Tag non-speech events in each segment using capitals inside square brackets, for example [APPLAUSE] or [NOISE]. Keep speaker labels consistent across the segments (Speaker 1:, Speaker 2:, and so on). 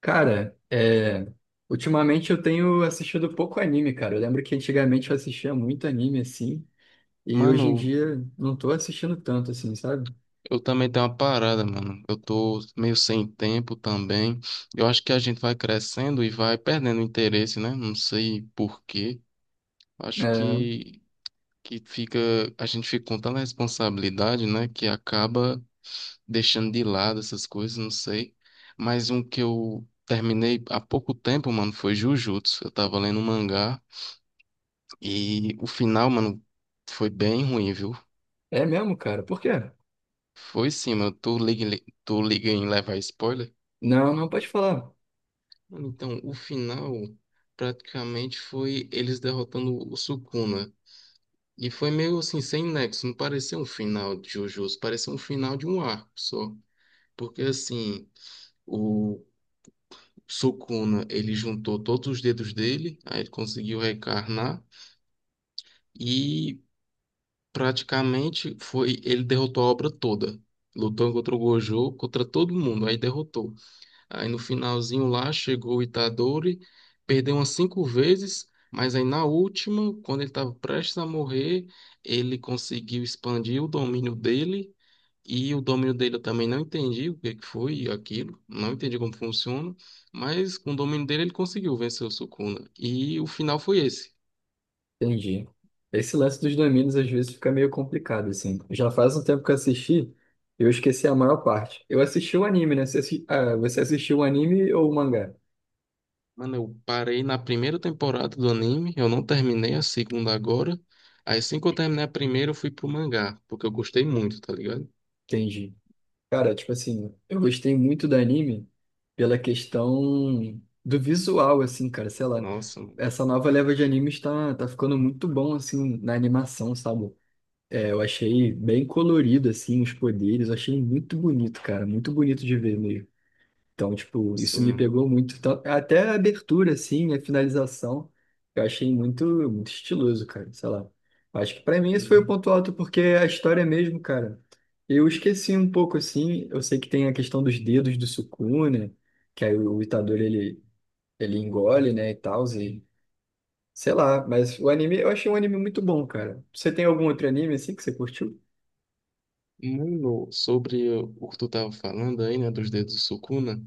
Speaker 1: Cara, ultimamente eu tenho assistido pouco anime, cara. Eu lembro que antigamente eu assistia muito anime, assim, e hoje em
Speaker 2: Mano,
Speaker 1: dia não tô assistindo tanto, assim, sabe?
Speaker 2: eu também tenho uma parada, mano. Eu tô meio sem tempo também. Eu acho que a gente vai crescendo e vai perdendo interesse, né? Não sei por quê. Acho que, que fica, a gente fica com tanta responsabilidade, né? Que acaba deixando de lado essas coisas, não sei. Mas um que eu terminei há pouco tempo, mano, foi Jujutsu. Eu tava lendo um mangá e o final, mano, foi bem ruim, viu?
Speaker 1: É, é mesmo, cara. Por quê?
Speaker 2: Foi sim, mano. Tu liga, tu liga em levar spoiler?
Speaker 1: Não, não pode falar.
Speaker 2: Mano, então, o final praticamente foi eles derrotando o Sukuna. E foi meio assim, sem nexo. Não parecia um final de Jujutsu, parecia um final de um arco só. Porque assim, o Sukuna, ele juntou todos os dedos dele, aí ele conseguiu reencarnar. E praticamente foi, ele derrotou a obra toda. Lutou contra o Gojo, contra todo mundo, aí derrotou. Aí no finalzinho lá chegou o Itadori, perdeu umas cinco vezes, mas aí na última, quando ele estava prestes a morrer, ele conseguiu expandir o domínio dele. E o domínio dele eu também não entendi o que que foi aquilo, não entendi como funciona, mas com o domínio dele ele conseguiu vencer o Sukuna. E o final foi esse.
Speaker 1: Entendi. Esse lance dos domínios às vezes fica meio complicado, assim. Já faz um tempo que eu assisti, eu esqueci a maior parte. Eu assisti o anime, né? Você, você assistiu o anime ou o mangá?
Speaker 2: Mano, eu parei na primeira temporada do anime, eu não terminei a segunda agora. Aí assim que eu terminei a primeira, eu fui pro mangá, porque eu gostei muito, tá ligado?
Speaker 1: Entendi. Cara, tipo assim, eu gostei muito do anime pela questão do visual, assim, cara, sei lá.
Speaker 2: Nossa.
Speaker 1: Essa nova leva de animes tá ficando muito bom, assim, na animação, sabe? É, eu achei bem colorido, assim, os poderes, eu achei muito bonito, cara, muito bonito de ver mesmo. Então, tipo, isso me
Speaker 2: Sim.
Speaker 1: pegou muito. Então, até a abertura, assim, a finalização, eu achei muito estiloso, cara. Sei lá. Acho que pra mim esse foi o
Speaker 2: Em-
Speaker 1: ponto alto, porque é a história mesmo, cara, eu esqueci um pouco, assim. Eu sei que tem a questão dos dedos do Sukuna, que aí o Itadori, ele engole, né, e tal, e sei lá. Mas o anime, eu achei um anime muito bom, cara. Você tem algum outro anime, assim, que você curtiu?
Speaker 2: Mano, sobre o que tu tava falando aí, né, dos dedos do Sukuna,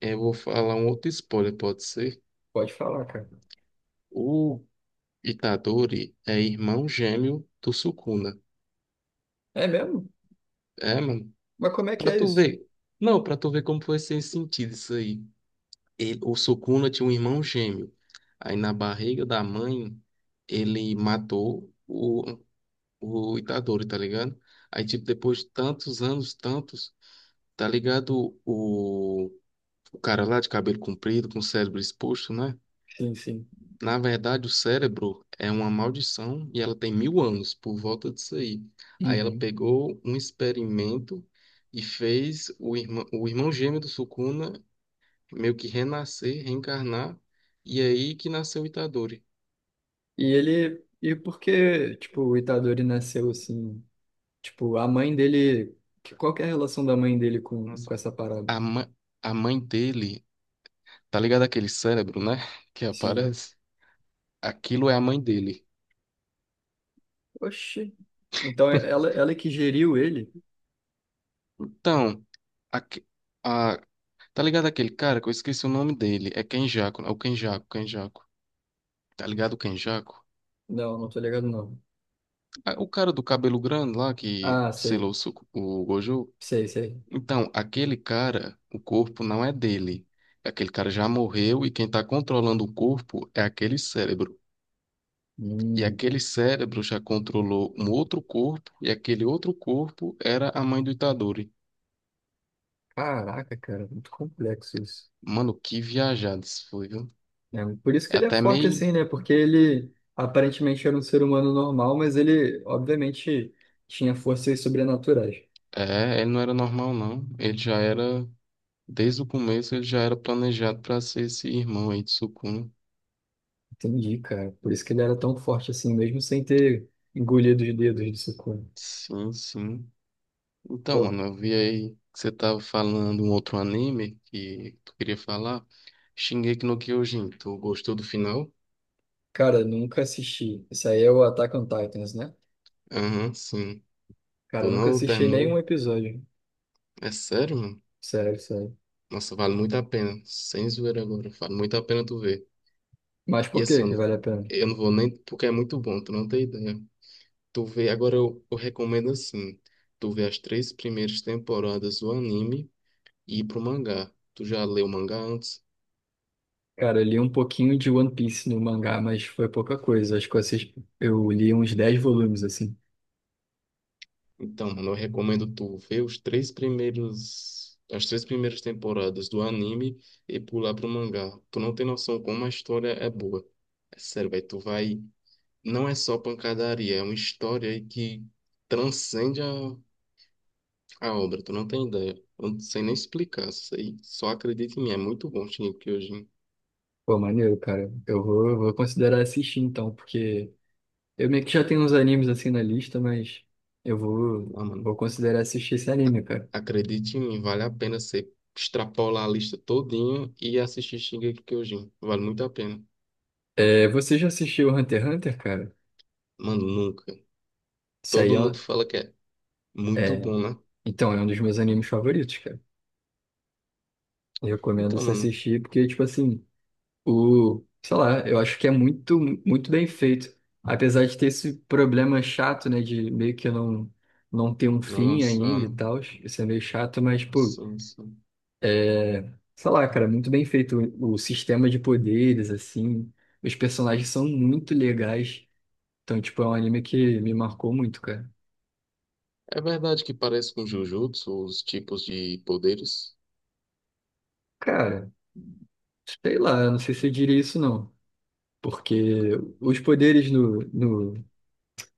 Speaker 2: eu vou falar um outro spoiler, pode ser?
Speaker 1: Pode falar, cara.
Speaker 2: O Itadori é irmão gêmeo do Sukuna.
Speaker 1: É mesmo?
Speaker 2: É, mano,
Speaker 1: Mas como é que
Speaker 2: pra
Speaker 1: é
Speaker 2: tu
Speaker 1: isso?
Speaker 2: ver. Não, pra tu ver como foi sem sentido isso aí. O Sukuna tinha um irmão gêmeo. Aí na barriga da mãe, ele matou o Itadori, tá ligado? Aí, tipo, depois de tantos anos, tantos, tá ligado? O cara lá de cabelo comprido, com o cérebro exposto, né?
Speaker 1: Sim, sim.
Speaker 2: Na verdade, o cérebro é uma maldição e ela tem mil anos por volta disso aí. Aí ela
Speaker 1: Uhum.
Speaker 2: pegou um experimento e fez o irmão gêmeo do Sukuna meio que renascer, reencarnar, e é aí que nasceu o Itadori.
Speaker 1: E ele. E porque, tipo, o Itadori nasceu assim. Tipo, a mãe dele. Qual que é a relação da mãe dele
Speaker 2: Nossa.
Speaker 1: com essa parada?
Speaker 2: A, ma- a mãe dele, tá ligado aquele cérebro, né? [LAUGHS] Que
Speaker 1: Sim.
Speaker 2: aparece? Aquilo é a mãe dele.
Speaker 1: Oxi. Então
Speaker 2: [LAUGHS]
Speaker 1: ela é que geriu ele?
Speaker 2: Então, aque- a tá ligado aquele cara que eu esqueci o nome dele? É Kenjaco, é o Kenjaco, Kenjaco. Tá ligado o Kenjaco?
Speaker 1: Não, não tô ligado, não.
Speaker 2: Ah, o cara do cabelo grande lá que
Speaker 1: Ah,
Speaker 2: selou
Speaker 1: sei.
Speaker 2: o Gojo.
Speaker 1: Sei, sei.
Speaker 2: Então, aquele cara, o corpo não é dele. Aquele cara já morreu e quem tá controlando o corpo é aquele cérebro. E
Speaker 1: Hum,
Speaker 2: aquele cérebro já controlou um outro corpo e aquele outro corpo era a mãe do Itadori.
Speaker 1: caraca, cara, muito complexo isso.
Speaker 2: Mano, que viajado isso foi, viu?
Speaker 1: É, por isso que
Speaker 2: É
Speaker 1: ele é
Speaker 2: até
Speaker 1: forte
Speaker 2: meio.
Speaker 1: assim, né? Porque ele aparentemente era um ser humano normal, mas ele, obviamente, tinha forças sobrenaturais.
Speaker 2: É, ele não era normal, não. Ele já era. Desde o começo ele já era planejado para ser esse irmão aí de Sukuna.
Speaker 1: Entendi, cara. Por isso que ele era tão forte assim, mesmo sem ter engolido os dedos do Sukuna.
Speaker 2: Sim, sim. Então,
Speaker 1: Pô,
Speaker 2: mano, eu vi aí que você tava falando um outro anime que tu queria falar. Shingeki no Kyojin, tu gostou do final?
Speaker 1: cara, nunca assisti. Isso aí é o Attack on Titans, né?
Speaker 2: Aham, sim. Tu
Speaker 1: Cara, nunca
Speaker 2: não
Speaker 1: assisti
Speaker 2: terminou
Speaker 1: nenhum
Speaker 2: ele?
Speaker 1: episódio.
Speaker 2: É sério, mano?
Speaker 1: Sério, sério.
Speaker 2: Nossa, vale muito a pena. Sem zoeira agora, vale muito a pena tu ver.
Speaker 1: Mas
Speaker 2: E
Speaker 1: por
Speaker 2: assim,
Speaker 1: que que vale a pena?
Speaker 2: eu não vou nem... Porque é muito bom, tu não tem ideia. Tu vê, agora eu recomendo assim, tu vê as três primeiras temporadas do anime e ir pro mangá. Tu já leu o mangá antes?
Speaker 1: Cara, eu li um pouquinho de One Piece no mangá, mas foi pouca coisa. Acho que eu li uns 10 volumes, assim.
Speaker 2: Então, mano, eu recomendo tu ver os três primeiros, as três primeiras temporadas do anime e pular pro mangá. Tu não tem noção como a história é boa. É sério, velho, tu vai. Não é só pancadaria, é uma história aí que transcende a obra. Tu não tem ideia. Eu não sei nem explicar isso aí. Só acredita em mim, é muito bom, Shingeki Kyojin.
Speaker 1: Pô, maneiro, cara. Eu vou considerar assistir então, porque eu meio que já tenho uns animes assim na lista, mas
Speaker 2: Ah, mano.
Speaker 1: vou considerar assistir esse anime, cara.
Speaker 2: Acredite em mim, vale a pena você extrapolar a lista todinho e assistir Shingeki no Kyojin. Vale muito a pena.
Speaker 1: É, você já assistiu Hunter x Hunter, cara?
Speaker 2: Mano, nunca.
Speaker 1: Isso aí
Speaker 2: Todo
Speaker 1: é
Speaker 2: mundo
Speaker 1: um...
Speaker 2: fala que é muito bom, né?
Speaker 1: Então, é um dos meus animes favoritos, cara. Eu recomendo
Speaker 2: Então,
Speaker 1: você
Speaker 2: mano,
Speaker 1: assistir, porque, tipo assim, o... Sei lá, eu acho que é muito bem feito. Apesar de ter esse problema chato, né, de meio que não, não ter um fim
Speaker 2: nossa,
Speaker 1: ainda e tal. Isso é meio chato, mas, pô,
Speaker 2: sim, sim.
Speaker 1: é... Sei lá, cara, muito bem feito o sistema de poderes, assim. Os personagens são muito legais. Então, tipo, é um anime que me marcou muito, cara.
Speaker 2: É verdade que parece com Jujutsu, os tipos de poderes.
Speaker 1: Cara... Sei lá, não sei se eu diria isso não. Porque os poderes no, no,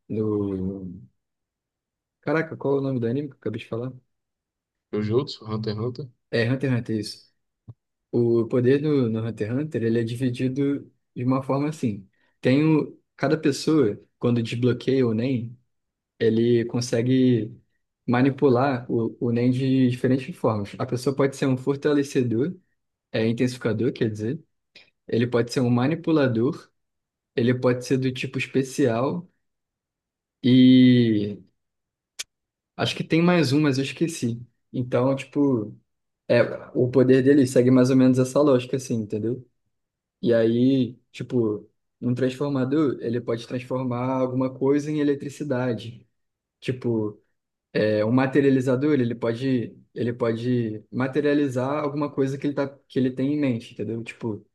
Speaker 1: no... Caraca, qual é o nome do anime que eu acabei de falar?
Speaker 2: Jujutsu, Hunter x Hunter?
Speaker 1: É Hunter x Hunter, isso. O poder no Hunter x Hunter, ele é dividido de uma forma assim. Tem o... Cada pessoa, quando desbloqueia o Nen, ele consegue manipular o Nen de diferentes formas. A pessoa pode ser um fortalecedor, é intensificador, quer dizer. Ele pode ser um manipulador, ele pode ser do tipo especial e acho que tem mais um, mas eu esqueci. Então, tipo, é, o poder dele segue mais ou menos essa lógica, assim, entendeu? E aí, tipo, um transformador, ele pode transformar alguma coisa em eletricidade. Tipo, é, um materializador, ele pode materializar alguma coisa que ele tem em mente, entendeu? Tipo,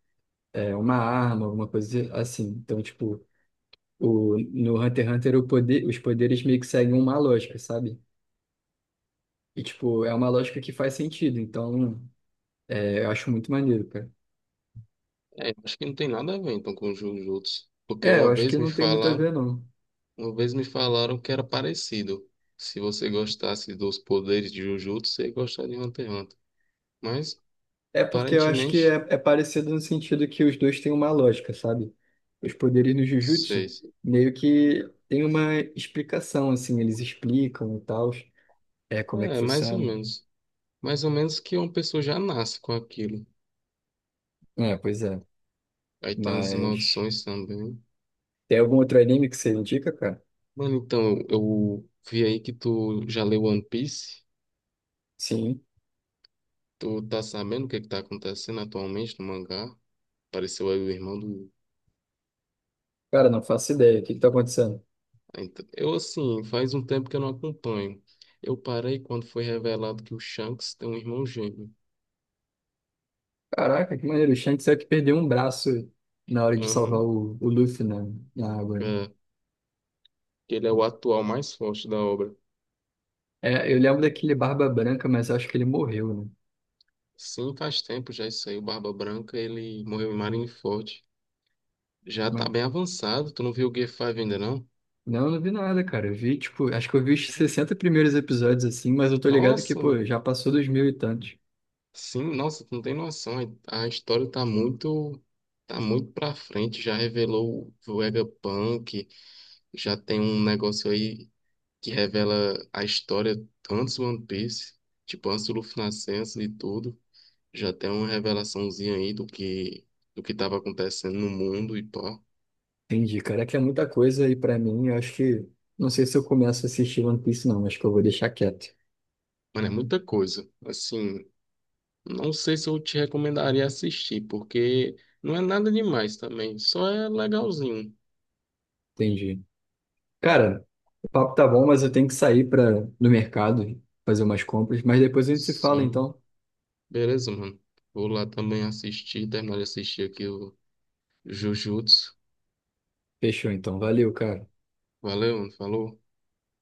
Speaker 1: é, uma arma, alguma coisa assim. Então, tipo, no Hunter x Hunter, os poderes meio que seguem uma lógica, sabe? E, tipo, é uma lógica que faz sentido, então é, eu acho muito maneiro, cara.
Speaker 2: É, acho que não tem nada a ver então com Jujutsu. Porque
Speaker 1: É, eu
Speaker 2: uma
Speaker 1: acho
Speaker 2: vez
Speaker 1: que
Speaker 2: me
Speaker 1: não tem muito a ver,
Speaker 2: falaram,
Speaker 1: não.
Speaker 2: uma vez me falaram que era parecido. Se você gostasse dos poderes de Jujutsu, você ia gostar de Hunter x Hunter. Mas
Speaker 1: É porque eu acho que
Speaker 2: aparentemente,
Speaker 1: é parecido no sentido que os dois têm uma lógica, sabe? Os poderes no Jujutsu
Speaker 2: seis.
Speaker 1: meio que tem uma explicação, assim, eles explicam e tal, é, como é que
Speaker 2: É, mais ou
Speaker 1: funciona.
Speaker 2: menos. Mais ou menos que uma pessoa já nasce com aquilo.
Speaker 1: É, pois é.
Speaker 2: Aí tem as
Speaker 1: Mas
Speaker 2: maldições também.
Speaker 1: tem algum outro anime que você indica, cara?
Speaker 2: Mano, então, eu vi aí que tu já leu One Piece.
Speaker 1: Sim.
Speaker 2: Tu tá sabendo o que é que tá acontecendo atualmente no mangá? Apareceu aí o irmão do.
Speaker 1: Cara, não faço ideia. O que que tá acontecendo?
Speaker 2: Ah, então- eu, assim, faz um tempo que eu não acompanho. Eu parei quando foi revelado que o Shanks tem um irmão gêmeo.
Speaker 1: Caraca, que maneiro. O Shanks é o que perdeu um braço na hora de salvar
Speaker 2: Aham.
Speaker 1: o Luffy na água. Né?
Speaker 2: É, que ele é o atual mais forte da obra.
Speaker 1: É, eu lembro daquele Barba Branca, mas eu acho que ele morreu, né?
Speaker 2: Sim, faz tempo já isso aí. O Barba Branca, ele morreu em Marineford. Já tá
Speaker 1: Não,
Speaker 2: bem avançado. Tu não viu o Gear 5 ainda, não?
Speaker 1: não, eu não vi nada, cara. Eu vi, tipo, acho que eu vi os 60 primeiros episódios assim, mas eu tô ligado que,
Speaker 2: Nossa,
Speaker 1: pô,
Speaker 2: mano.
Speaker 1: já passou dos mil e tantos.
Speaker 2: Sim, nossa, tu não tem noção. A história tá muito... Tá muito pra frente. Já revelou o Vegapunk. Já tem um negócio aí que revela a história antes do One Piece. Tipo, antes do Luffy nascer, antes de tudo. Já tem uma revelaçãozinha aí do que... Do que tava acontecendo no mundo e pá.
Speaker 1: Entendi, cara. É que é muita coisa aí pra mim. Eu acho que. Não sei se eu começo a assistir One Piece, não. Acho que eu vou deixar quieto.
Speaker 2: Mano, é muita coisa. Assim... Não sei se eu te recomendaria assistir, porque não é nada demais também, só é legalzinho.
Speaker 1: Entendi. Cara, o papo tá bom, mas eu tenho que sair pra, no mercado fazer umas compras. Mas depois a gente se fala,
Speaker 2: Sim,
Speaker 1: então.
Speaker 2: beleza, mano. Vou lá também assistir, terminar de assistir aqui o Jujutsu.
Speaker 1: Fechou, então. Valeu, cara.
Speaker 2: Valeu, mano. Falou.